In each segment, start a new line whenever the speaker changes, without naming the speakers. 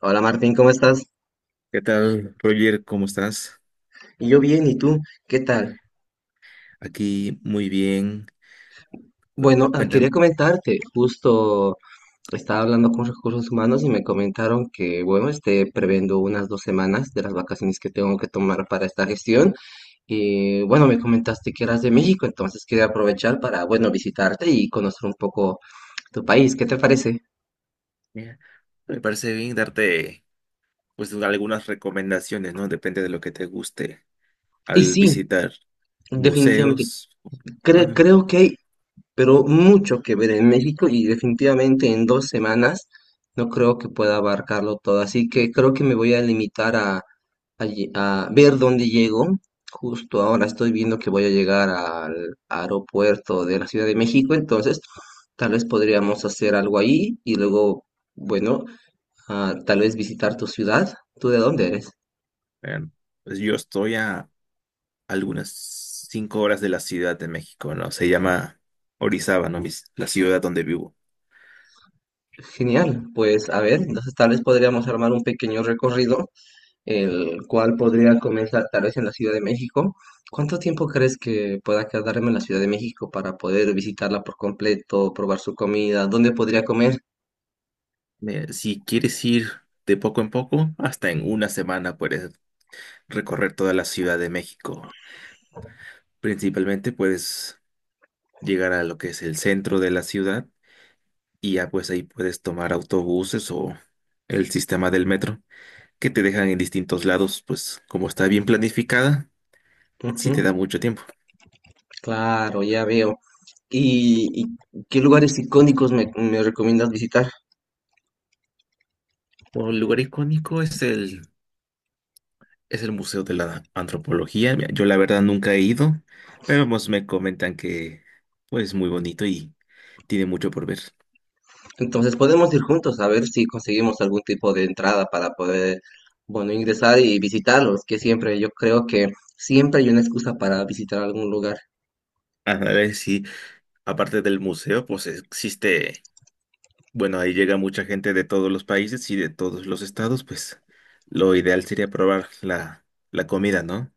Hola Martín, ¿cómo estás?
¿Qué tal, Roger? ¿Cómo estás?
Y yo bien, ¿y tú? ¿Qué tal?
Aquí muy bien.
Bueno, Quería
Cuéntame.
comentarte, justo estaba hablando con recursos humanos y me comentaron que, bueno, esté previendo unas 2 semanas de las vacaciones que tengo que tomar para esta gestión. Y bueno, me comentaste que eras de México, entonces quería aprovechar para, bueno, visitarte y conocer un poco tu país. ¿Qué te parece?
Mira, me parece bien darte, pues, algunas recomendaciones, ¿no? Depende de lo que te guste
Y
al
sí,
visitar
definitivamente.
museos. Ah, no.
Creo que hay pero mucho que ver en México, y definitivamente en 2 semanas no creo que pueda abarcarlo todo, así que creo que me voy a limitar a, a ver dónde llego. Justo ahora estoy viendo que voy a llegar al aeropuerto de la Ciudad de México, entonces tal vez podríamos hacer algo ahí y luego, bueno, tal vez visitar tu ciudad. ¿Tú de dónde eres?
Eh, pues yo estoy a algunas 5 horas de la Ciudad de México, ¿no? Se llama Orizaba, ¿no? La ciudad donde vivo.
Genial, pues a ver, entonces tal vez podríamos armar un pequeño recorrido el cual podría comenzar tal vez en la Ciudad de México. ¿Cuánto tiempo crees que pueda quedarme en la Ciudad de México para poder visitarla por completo, probar su comida? ¿Dónde podría comer?
Si quieres ir de poco en poco, hasta en una semana puedes recorrer toda la Ciudad de México. Principalmente, pues, llegar a lo que es el centro de la ciudad, y ya pues ahí puedes tomar autobuses o el sistema del metro, que te dejan en distintos lados, pues como está bien planificada, sí te da
Ujú.
mucho tiempo.
Claro, ya veo. ¿Y qué lugares icónicos me recomiendas visitar?
Un lugar icónico es el Museo de la Antropología. Mira, yo la verdad nunca he ido, pero pues me comentan que pues es muy bonito y tiene mucho por ver.
Entonces podemos ir juntos a ver si conseguimos algún tipo de entrada para poder, bueno, ingresar y visitarlos, que siempre yo creo que siempre hay una excusa para visitar algún lugar.
A ver si aparte del museo, pues existe. Bueno, ahí llega mucha gente de todos los países y de todos los estados, pues lo ideal sería probar la comida, ¿no?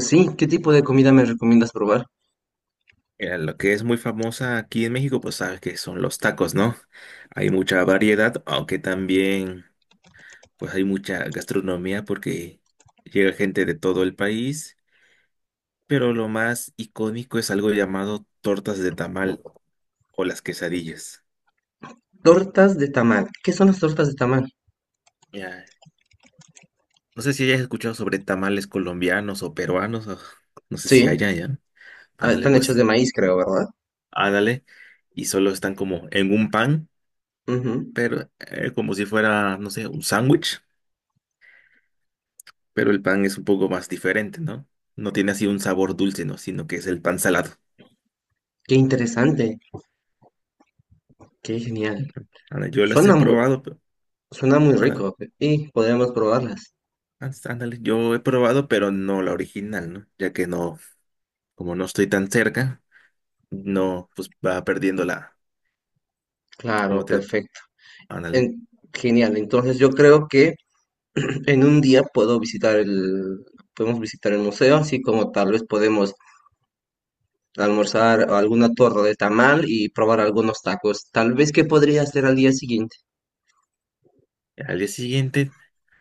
Sí, ¿qué tipo de comida me recomiendas probar?
Mira, lo que es muy famosa aquí en México, pues sabes que son los tacos, ¿no? Hay mucha variedad, aunque también, pues, hay mucha gastronomía porque llega gente de todo el país, pero lo más icónico es algo llamado tortas de tamal o las quesadillas.
Tortas de tamal. ¿Qué son las tortas de tamal?
Ya, no sé si hayas escuchado sobre tamales colombianos o peruanos, o no sé
Sí,
si haya ya. Ándale,
están hechas
pues,
de maíz, creo, ¿verdad?
ándale, y solo están como en un pan,
Ujú.
pero como si fuera, no sé, un sándwich, pero el pan es un poco más diferente, ¿no? No tiene así un sabor dulce, ¿no? Sino que es el pan salado.
Qué interesante, qué genial.
Ujú. Ándale, yo las he
Suena muy,
probado.
Suena muy
Ándale,
rico y podríamos probarlas.
ándale, ándale, yo he probado, pero no la original, ¿no? Ya que no, como no estoy tan cerca, no, pues va perdiendo la, como
Claro,
te,
perfecto.
ándale.
En- Genial. Entonces yo creo que en un día puedo visitar podemos visitar el museo, así como tal vez podemos almorzar alguna torta de tamal y probar algunos tacos. Tal vez que podría hacer al día siguiente.
Al día siguiente,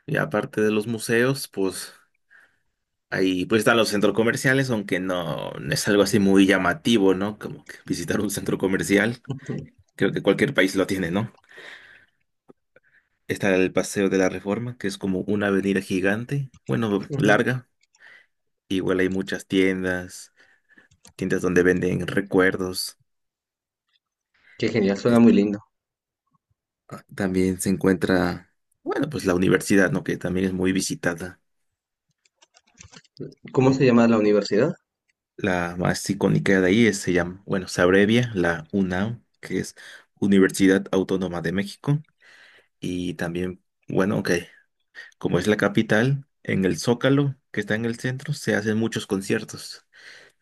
y aparte de los museos, pues ahí pues están los centros comerciales, aunque no, no es algo así muy llamativo, ¿no? Como que visitar un centro comercial, creo que cualquier país lo tiene, ¿no? Está el Paseo de la Reforma, que es como una avenida gigante, bueno, larga. Igual hay muchas tiendas, tiendas donde venden recuerdos.
Qué genial, suena
Es-
muy lindo.
También se encuentra, bueno, pues la universidad, ¿no? Que también es muy visitada.
¿Cómo se llama la universidad?
La más icónica de ahí es, se llama, bueno, se abrevia la UNAM, que es Universidad Autónoma de México. Y también, bueno, ok, como es la capital, en el Zócalo, que está en el centro, se hacen muchos conciertos.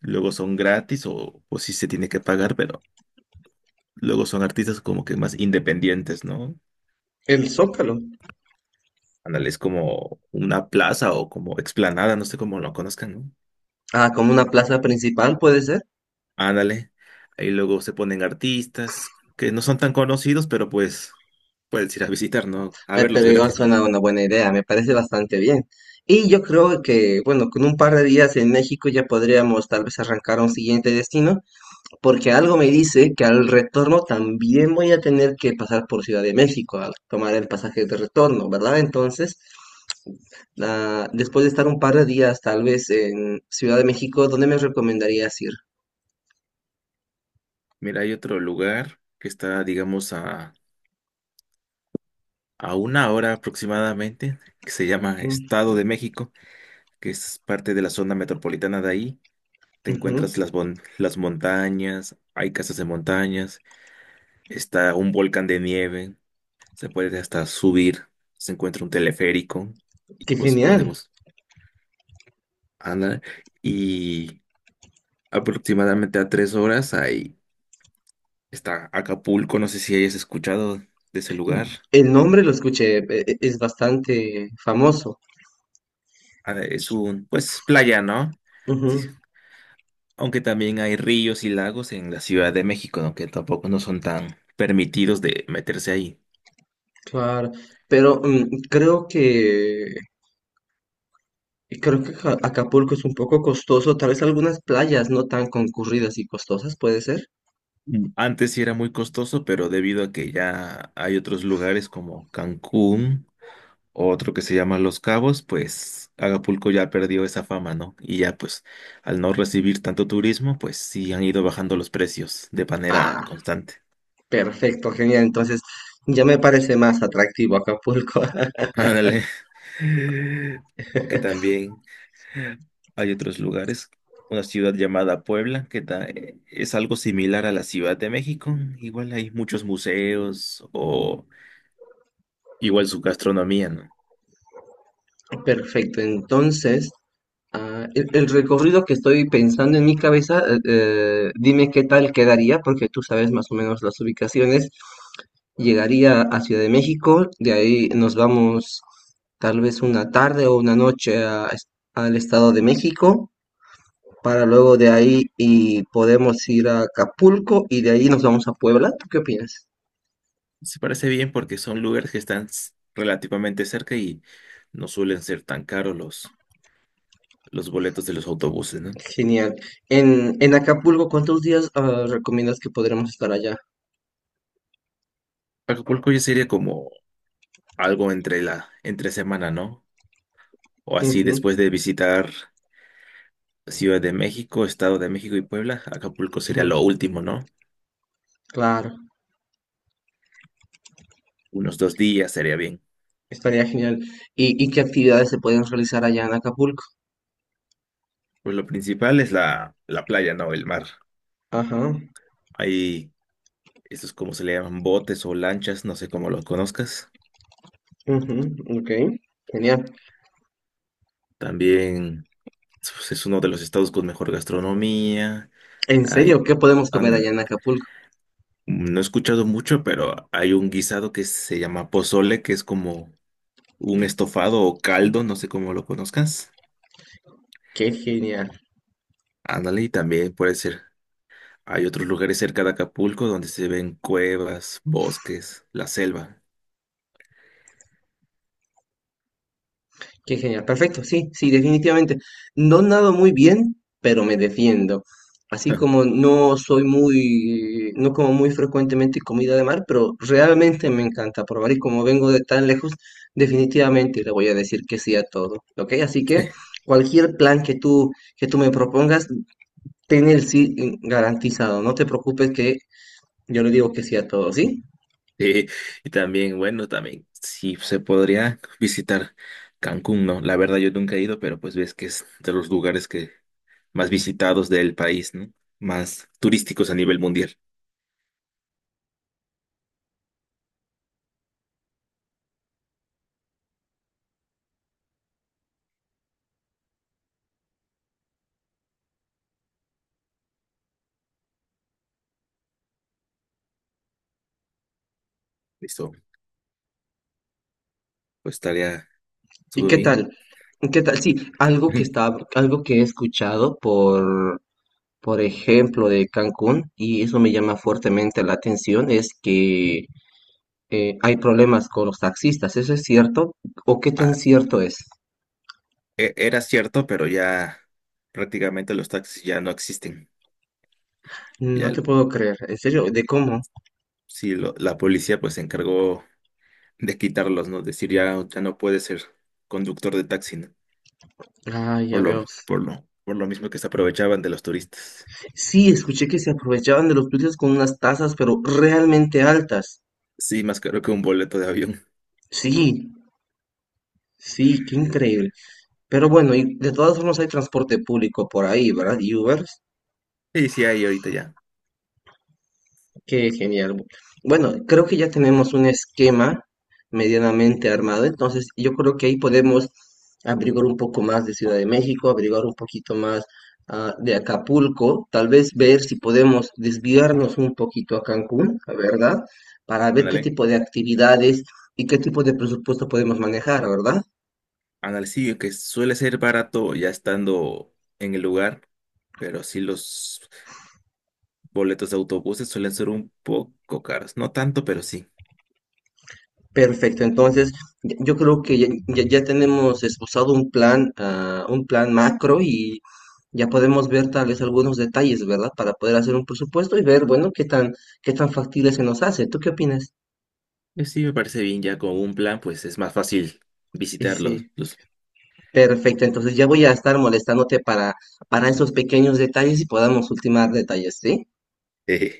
Luego son gratis o sí se tiene que pagar, pero luego son artistas como que más independientes, ¿no?
El Zócalo.
Ándale, es como una plaza o como explanada, no sé cómo lo conozcan, ¿no?
Ah, como una plaza principal puede ser.
Ándale. Ahí luego se ponen artistas que no son tan conocidos, pero pues puedes ir a visitar, ¿no? A verlos
Pero igual
gratis, ¿no?
suena una buena idea, me parece bastante bien. Y yo creo que, bueno, con un par de días en México ya podríamos tal vez arrancar a un siguiente destino, porque algo me dice que al retorno también voy a tener que pasar por Ciudad de México al tomar el pasaje de retorno, ¿verdad? Entonces, después de estar un par de días tal vez en Ciudad de México, ¿dónde me recomendarías ir?
Mira, hay otro lugar que está, digamos, a una hora aproximadamente, que se llama
Mm.
Estado de México, que es parte de la zona metropolitana de ahí. Te
Ujú.
encuentras las montañas, hay casas de montañas, está un volcán de nieve, se puede hasta subir, se encuentra un teleférico, y
Qué
pues
genial.
podemos andar. Y aproximadamente a 3 horas ahí está Acapulco, no sé si hayas escuchado de ese lugar.
El nombre lo escuché. Es bastante famoso.
Es un, pues, playa, ¿no?
Ujú,
Sí. Aunque también hay ríos y lagos en la Ciudad de México, ¿no? Que tampoco no son tan permitidos de meterse ahí.
claro, pero mm, creo que Acapulco es un poco costoso, tal vez algunas playas no tan concurridas y costosas, ¿puede ser?
Mm. Antes sí era muy costoso, pero debido a que ya hay otros lugares como Cancún, otro que se llama Los Cabos, pues Acapulco ya perdió esa fama, ¿no? Y ya pues al no recibir tanto turismo, pues sí han ido bajando los precios de manera
Ah,
constante.
perfecto, genial, entonces ya me parece más atractivo Acapulco.
Ándale. Aunque también... hay otros lugares, una ciudad llamada Puebla, que es algo similar a la Ciudad de México. Igual hay muchos museos o igual su gastronomía, ¿no?
Perfecto, entonces, el recorrido que estoy pensando en mi cabeza, dime qué tal quedaría, porque tú sabes más o menos las ubicaciones. Llegaría a Ciudad de México, de ahí nos vamos tal vez una tarde o una noche a al Estado de México, para luego de ahí y podemos ir a Acapulco y de ahí nos vamos a Puebla. ¿Tú qué opinas?
Se parece bien porque son lugares que están relativamente cerca y no suelen ser tan caros los boletos de los autobuses, ¿no?
Genial. En Acapulco, ¿cuántos días recomiendas que podremos estar allá?
Acapulco ya sería como algo entre semana, ¿no? O así
Ujú,
después de visitar Ciudad de México, Estado de México y Puebla, Acapulco sería
ujú.
lo último, ¿no?
Claro,
Unos 2 días sería bien.
estaría genial. ¿Y qué actividades se pueden realizar allá en Acapulco?
Pues lo principal es la playa, ¿no? El mar.
Ajá,
Hay estos, como se le llaman, botes o lanchas, no sé cómo los conozcas.
ujú, ok, genial.
También, pues, es uno de los estados con mejor gastronomía.
En
Hay,
serio, ¿qué podemos comer allá
an-
en Acapulco?
no he escuchado mucho, pero hay un guisado que se llama pozole, que es como un estofado o caldo, no sé cómo lo conozcas.
Qué genial,
Ándale, y también puede ser. Hay otros lugares cerca de Acapulco donde se ven cuevas, bosques, la selva.
qué genial. Perfecto, sí, sí, definitivamente. No nado muy bien, pero me defiendo. Así como no soy muy, no como muy frecuentemente comida de mar, pero realmente me encanta probar y como vengo de tan lejos, definitivamente le voy a decir que sí a todo, ¿ok? Así que cualquier plan que tú me propongas, ten el sí garantizado, no te preocupes que yo le digo que sí a todo, ¿sí?
Sí, y también, bueno, también sí se podría visitar Cancún, ¿no? La verdad yo nunca he ido, pero pues ves que es de los lugares que más visitados del país, ¿no? Más turísticos a nivel mundial. Listo, pues estaría
¿Y
todo
qué
bien.
tal? ¿Qué tal? Sí, algo que está, algo que he escuchado por ejemplo, de Cancún, y eso me llama fuertemente la atención, es que hay problemas con los taxistas, ¿eso es cierto? ¿O qué
Ah,
tan cierto es?
era cierto, pero ya prácticamente los taxis ya no existen. Ya
No te
el-
puedo creer, en serio, ¿de cómo?
sí, la policía pues se encargó de quitarlos, ¿no? Decir ya, ya no puede ser conductor de taxi, ¿no?
Ah, ya
Por
veo.
lo, por lo, por lo mismo que se aprovechaban de los turistas.
Sí, escuché que se aprovechaban de los turistas con unas tasas, pero realmente altas.
Sí, más caro que un boleto de avión.
Sí, sí, qué increíble. Pero bueno, y de todas formas hay transporte público por ahí, ¿verdad? Y Ubers,
Sí, sí, hay ahorita ya.
qué genial. Bueno, creo que ya tenemos un esquema medianamente armado, entonces yo creo que ahí podemos averiguar un poco más de Ciudad de México, averiguar un poquito más de Acapulco, tal vez ver si podemos desviarnos un poquito a Cancún, ¿verdad? Para ver qué
Ándale.
tipo de actividades y qué tipo de presupuesto podemos manejar, ¿verdad?
Ándale, sí, que suele ser barato ya estando en el lugar, pero sí los boletos de autobuses suelen ser un poco caros. No tanto, pero sí.
Perfecto, entonces yo creo que ya tenemos esbozado un plan, un plan macro y ya podemos ver tal vez algunos detalles, ¿verdad? Para poder hacer un presupuesto y ver, bueno, qué tan factible se nos hace. ¿Tú qué opinas?
Pues sí, me parece bien, ya con un plan, pues es más fácil
Y sí,
visitarlos. Los...
perfecto, entonces ya voy a estar molestándote para esos pequeños detalles y podamos ultimar detalles, ¿sí?
Esto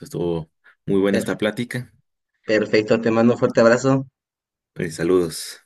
estuvo muy buena esta
Perfecto,
plática.
perfecto, te mando un fuerte abrazo.
Pues saludos.